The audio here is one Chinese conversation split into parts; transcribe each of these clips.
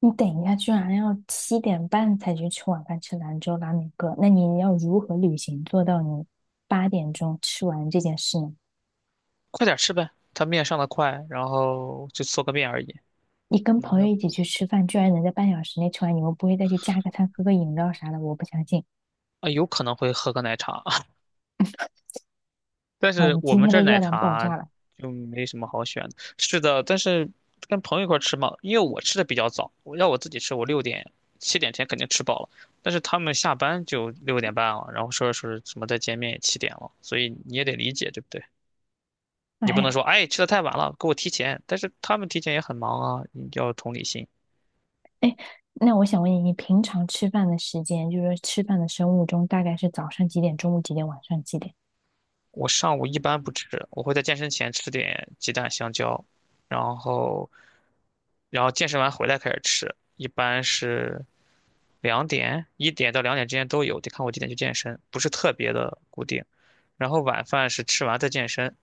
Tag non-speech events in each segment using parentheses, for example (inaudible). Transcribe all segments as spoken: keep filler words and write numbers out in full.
你等一下，居然要七点半才去吃晚饭，吃兰州拉面哥，那你要如何履行做到你八点钟吃完这件事呢？快点吃呗，他面上的快，然后就做个面而已，你跟那没朋友有一起去吃饭，居然能在半小时内吃完，你们不会再去加个餐、喝个饮料啥的？我不相信。啊，有可能会喝个奶茶，(laughs) 但好，是你我今们天这儿的奶热量爆茶炸了。就没什么好选的。是的，但是跟朋友一块儿吃嘛，因为我吃的比较早，我要我自己吃，我六点七点前肯定吃饱了，但是他们下班就六点半了，然后说着说着什么再见面也七点了，所以你也得理解，对不对？你不能哎说哎吃的太晚了，给我提前，但是他们提前也很忙啊，你要有同理心。哎，那我想问你，你平常吃饭的时间，就是说吃饭的生物钟，大概是早上几点、中午几点、晚上几点？我上午一般不吃，我会在健身前吃点鸡蛋、香蕉，然后，然后健身完回来开始吃，一般是两点、一点到两点之间都有，得看我几点去健身，不是特别的固定。然后晚饭是吃完再健身，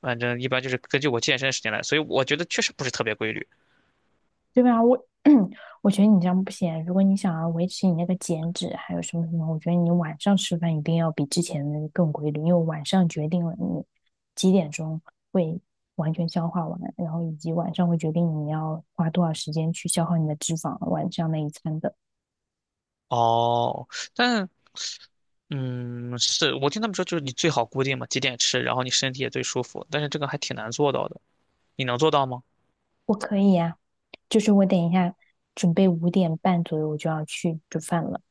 反正一般就是根据我健身时间来，所以我觉得确实不是特别规律。对吧？我 (clears throat) 我觉得你这样不行啊。如果你想要维持你那个减脂，还有什么什么，我觉得你晚上吃饭一定要比之前的更规律，因为晚上决定了你几点钟会完全消化完，然后以及晚上会决定你要花多少时间去消耗你的脂肪，晚上那一餐的。哦，但嗯，是我听他们说，就是你最好固定嘛，几点吃，然后你身体也最舒服，但是这个还挺难做到的，你能做到吗？我可以呀、就是我等一下准备五点半左右我就要去煮饭了，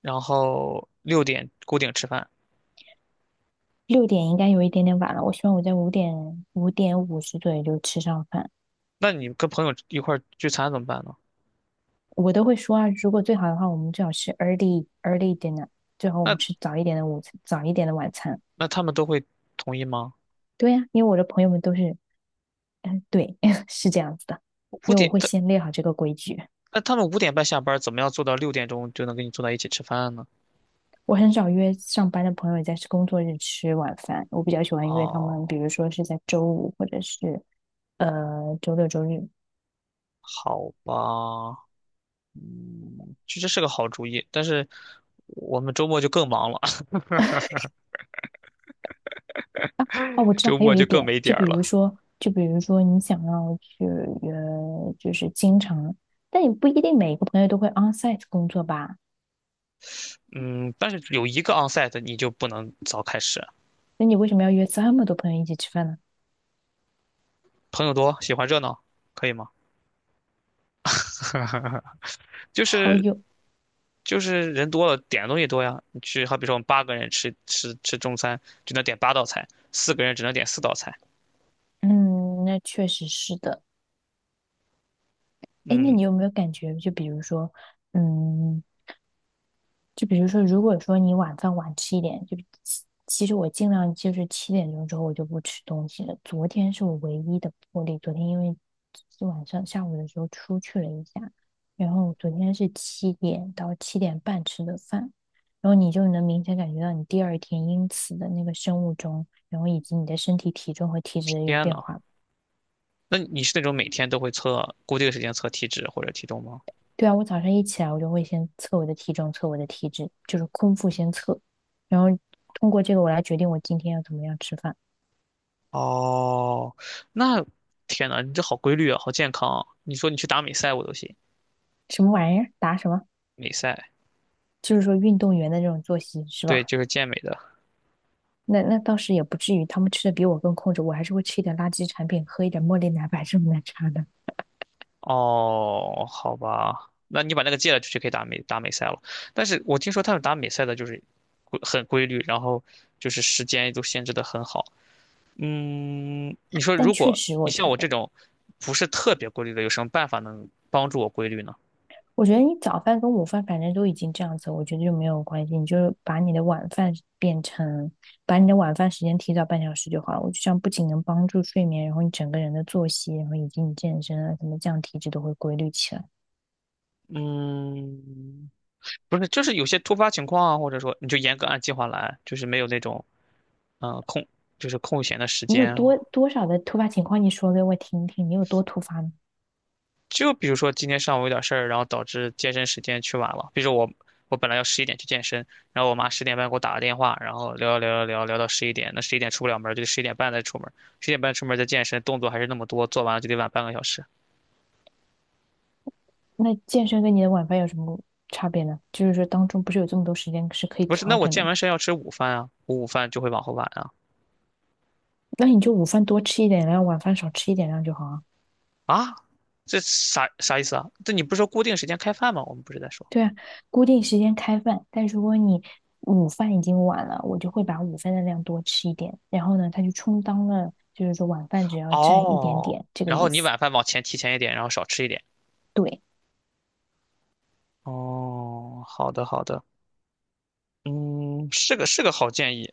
然后六点固定吃饭。六点应该有一点点晚了。我希望我在五点五点五十左右就吃上饭。那你跟朋友一块儿聚餐怎么办呢？我都会说啊，如果最好的话，我们最好是 early early dinner，最好我们那吃早一点的午餐，早一点的晚餐。那他们都会同意吗？对呀、因为我的朋友们都是，嗯，对，(laughs) 是这样子的，五因为我点，会他先列好这个规矩。那他们五点半下班，怎么样做到六点钟就能跟你坐在一起吃饭呢？我很少约上班的朋友在工作日吃晚饭，我比较喜欢约他们，比哦，如说是在周五或者是呃周六周日。好吧，嗯，其实是个好主意，但是我们周末就更忙了，哦，我 (laughs) 知道周还有末就一更点，没就点儿比了。如说，就比如说你想要去呃，就是经常，但也不一定每个朋友都会 onsite 工作吧。嗯，但是有一个 onsite 你就不能早开始，那你为什么要约这么多朋友一起吃饭呢？朋友多，喜欢热闹，可以吗？(laughs) 就好是友，就是人多了，点的东西多呀。你去，好比说我们八个人吃吃吃中餐，只能点八道菜；四个人只能点四道菜。嗯，那确实是的。哎，那嗯，你有没有感觉，就比如说，嗯，就比如说，如果说你晚饭晚吃一点，就其其实我尽量就是七点钟之后我就不吃东西了。昨天是我唯一的破例，昨天因为是晚上下午的时候出去了一下，然后昨天是七点到七点半吃的饭，然后你就能明显感觉到你第二天因此的那个生物钟，然后以及你的身体体重和体脂有天变呐，化。那你是那种每天都会测固定时间测体脂或者体重吗？对啊，我早上一起来，我就会先测我的体重，测我的体脂，就是空腹先测，然后通过这个我来决定我今天要怎么样吃饭。哦，那天呐，你这好规律啊，好健康啊！你说你去打美赛我都行。什么玩意儿？答什么？美赛，就是说运动员的这种作息是对，吧？就是健美的。那那倒是也不至于，他们吃的比我更控制，我还是会吃一点垃圾产品，喝一点茉莉奶白这种奶茶的。哦，好吧，那你把那个戒了，就去可以打美打美赛了。但是我听说他们打美赛的就是规很规律，然后就是时间都限制的很好。嗯，你说但如确果实，你我像觉我这得种不是特别规律的，有什么办法能帮助我规律呢？我觉得你早饭跟午饭反正都已经这样子，我觉得就没有关系。你就是把你的晚饭变成，把你的晚饭时间提早半小时就好了。我觉得这样不仅能帮助睡眠，然后你整个人的作息，然后以及你健身啊什么，这样体质都会规律起来。嗯，不是，就是有些突发情况啊，或者说你就严格按计划来，就是没有那种嗯、呃空，就是空闲的时你有间。多多少的突发情况，你说给我听听，你有多突发呢？就比如说今天上午有点事儿，然后导致健身时间去晚了。比如说我我本来要十一点去健身，然后我妈十点半给我打个电话，然后聊聊聊聊聊到十一点，那十一点出不了门儿就得十一点半再出门儿，十一点半出门儿再健身，动作还是那么多，做完了就得晚半个小时。那健身跟你的晚饭有什么差别呢？就是说当中不是有这么多时间是可以不是，那调我整的健吗？完身要吃午饭啊，我午饭就会往后晚啊。那你就午饭多吃一点，然后晚饭少吃一点，这样就好啊。啊，这啥啥意思啊？这你不是说固定时间开饭吗？我们不是在说。对啊，固定时间开饭，但如果你午饭已经晚了，我就会把午饭的量多吃一点，然后呢，它就充当了，就是说晚饭只要占一点哦，点这个然后意你思。晚饭往前提前一点，然后少吃一点。对，哦，好的好的，嗯，是个是个好建议。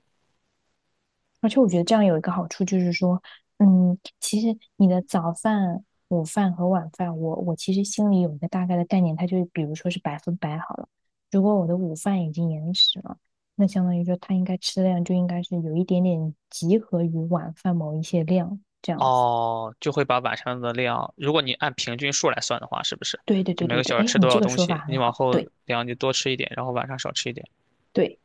而且我觉得这样有一个好处就是说，嗯，其实你的早饭、午饭和晚饭，我我其实心里有一个大概的概念，它就比如说是百分百好了。如果我的午饭已经延迟了，那相当于说它应该吃的量就应该是有一点点集合于晚饭某一些量这样子。哦，就会把晚上的量，如果你按平均数来算的话，是不是？对对就对每对个对，小时哎，吃你多这少个东说法西，很你往好，后对量就多吃一点，然后晚上少吃一点。对，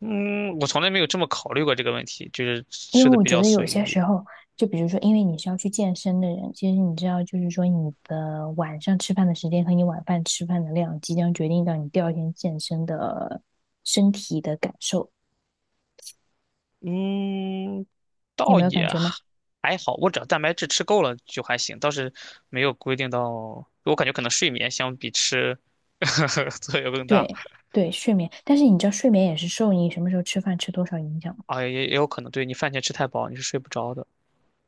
嗯，我从来没有这么考虑过这个问题，就是因为吃的我比觉较得有随些意。时候，就比如说，因为你是要去健身的人，其实你知道，就是说你的晚上吃饭的时间和你晚饭吃饭的量，即将决定到你第二天健身的身体的感受，嗯，你倒有没有感也觉吗？还好，我只要蛋白质吃够了就还行，倒是没有规定到。我感觉可能睡眠相比吃 (laughs) 作用更大对对，睡眠，但是你知道，睡眠也是受你什么时候吃饭吃多少影响吗？啊，也也有可能对你饭前吃太饱你是睡不着的，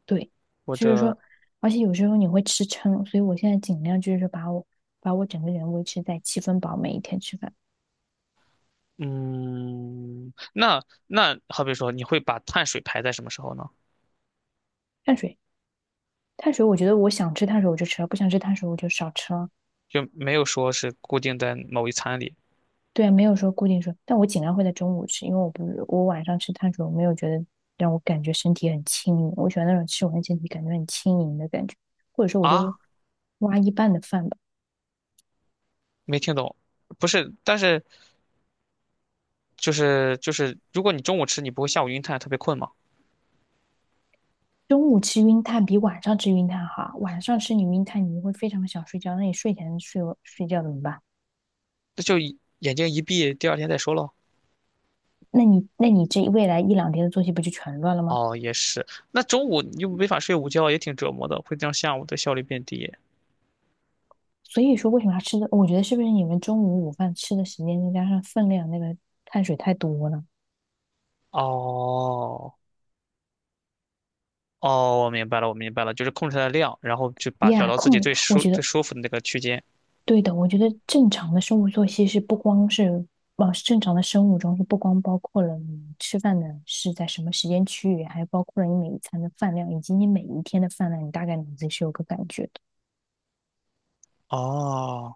对，或就是者说，而且有时候你会吃撑，所以我现在尽量就是说把我把我整个人维持在七分饱，每一天吃饭，嗯，那那好比说你会把碳水排在什么时候呢？碳水。碳水，我觉得我想吃碳水我就吃了，不想吃碳水我就少吃了。就没有说是固定在某一餐里对啊，没有说固定说，但我尽量会在中午吃，因为我不我晚上吃碳水，我没有觉得让我感觉身体很轻盈，我喜欢那种吃完身体感觉很轻盈的感觉，或者说我就啊？挖一半的饭吧。没听懂，不是，但是就是就是，如果你中午吃，你不会下午晕碳，特别困吗？中午吃晕碳比晚上吃晕碳好啊。晚上吃你晕碳你会非常想睡觉，那你睡前睡睡觉怎么办？那就一眼睛一闭，第二天再说喽。那你那你这未来一两天的作息不就全乱了吗？哦，也是。那中午你又没法睡午觉，也挺折磨的，会让下午的效率变低。所以说为什么要吃的？我觉得是不是你们中午午饭吃的时间再加上分量，那个碳水太多了哦，哦，我明白了，我明白了，就是控制它的量，然后就把找呀。到自己控制最我舒觉最得舒服的那个区间。对的。我觉得正常的生物作息是不光是，呃，正常的生物钟是不光包括了你吃饭的是在什么时间区域，还包括了你每一餐的饭量，以及你每一天的饭量，你大概脑子己是有个感觉的，哦，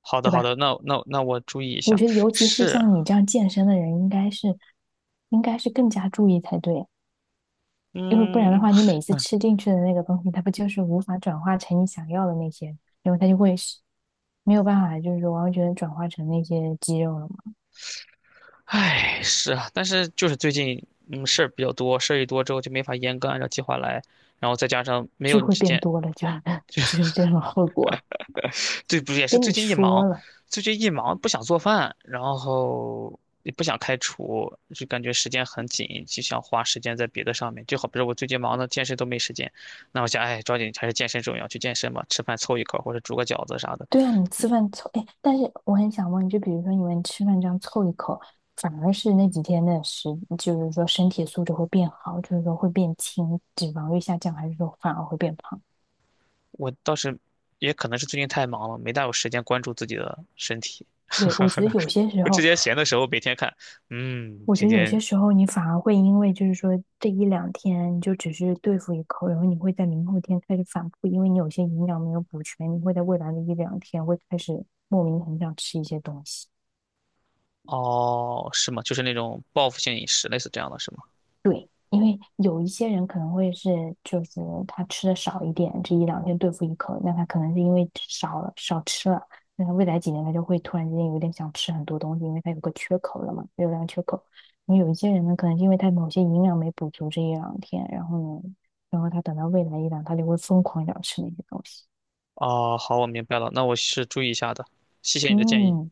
好的对好吧？的，那那那我注意一我下。觉得尤其是是，像你这样健身的人，应该是应该是更加注意才对。因为不然的嗯，话，你每次吃进去的那个东西，它不就是无法转化成你想要的那些，因为它就会是没有办法，就是说完全转化成那些肌肉了嘛，唉，是啊，但是就是最近嗯事儿比较多，事儿一多之后就没法严格按照计划来，然后再加上没就有你会之变前。多了就 (laughs) 就是这种后果。对，不是也是跟最你近一说忙，了，最近一忙不想做饭，然后也不想开厨，就感觉时间很紧，就想花时间在别的上面。就好比如我最近忙的健身都没时间，那我想，哎，抓紧还是健身重要，去健身吧，吃饭凑一口或者煮个饺子啥的。对啊，你吃饭凑，哎，但是我很想问，就比如说你们吃饭这样凑一口，反而是那几天的食，就是说身体素质会变好，就是说会变轻，脂肪率下降，还是说反而会变胖？我倒是也可能是最近太忙了，没大有时间关注自己的身体。对，我觉得 (laughs) 有些时我之候。前闲的时候每天看，嗯，我觉今得有些天时候你反而会因为就是说这一两天你就只是对付一口，然后你会在明后天开始反复，因为你有些营养没有补全，你会在未来的一两天会开始莫名很想吃一些东西。哦，是吗？就是那种报复性饮食，类似这样的是吗？对，因为有一些人可能会是，就是他吃的少一点，这一两天对付一口，那他可能是因为少了少吃了，那他未来几年他就会突然之间有点想吃很多东西，因为他有个缺口了嘛，热量缺口。然后有一些人呢，可能是因为他某些营养没补足这一两天，然后呢，然后他等到未来一两，他就会疯狂想吃那些东西。哦，好，我明白了，那我是注意一下的，谢谢你的建议。嗯。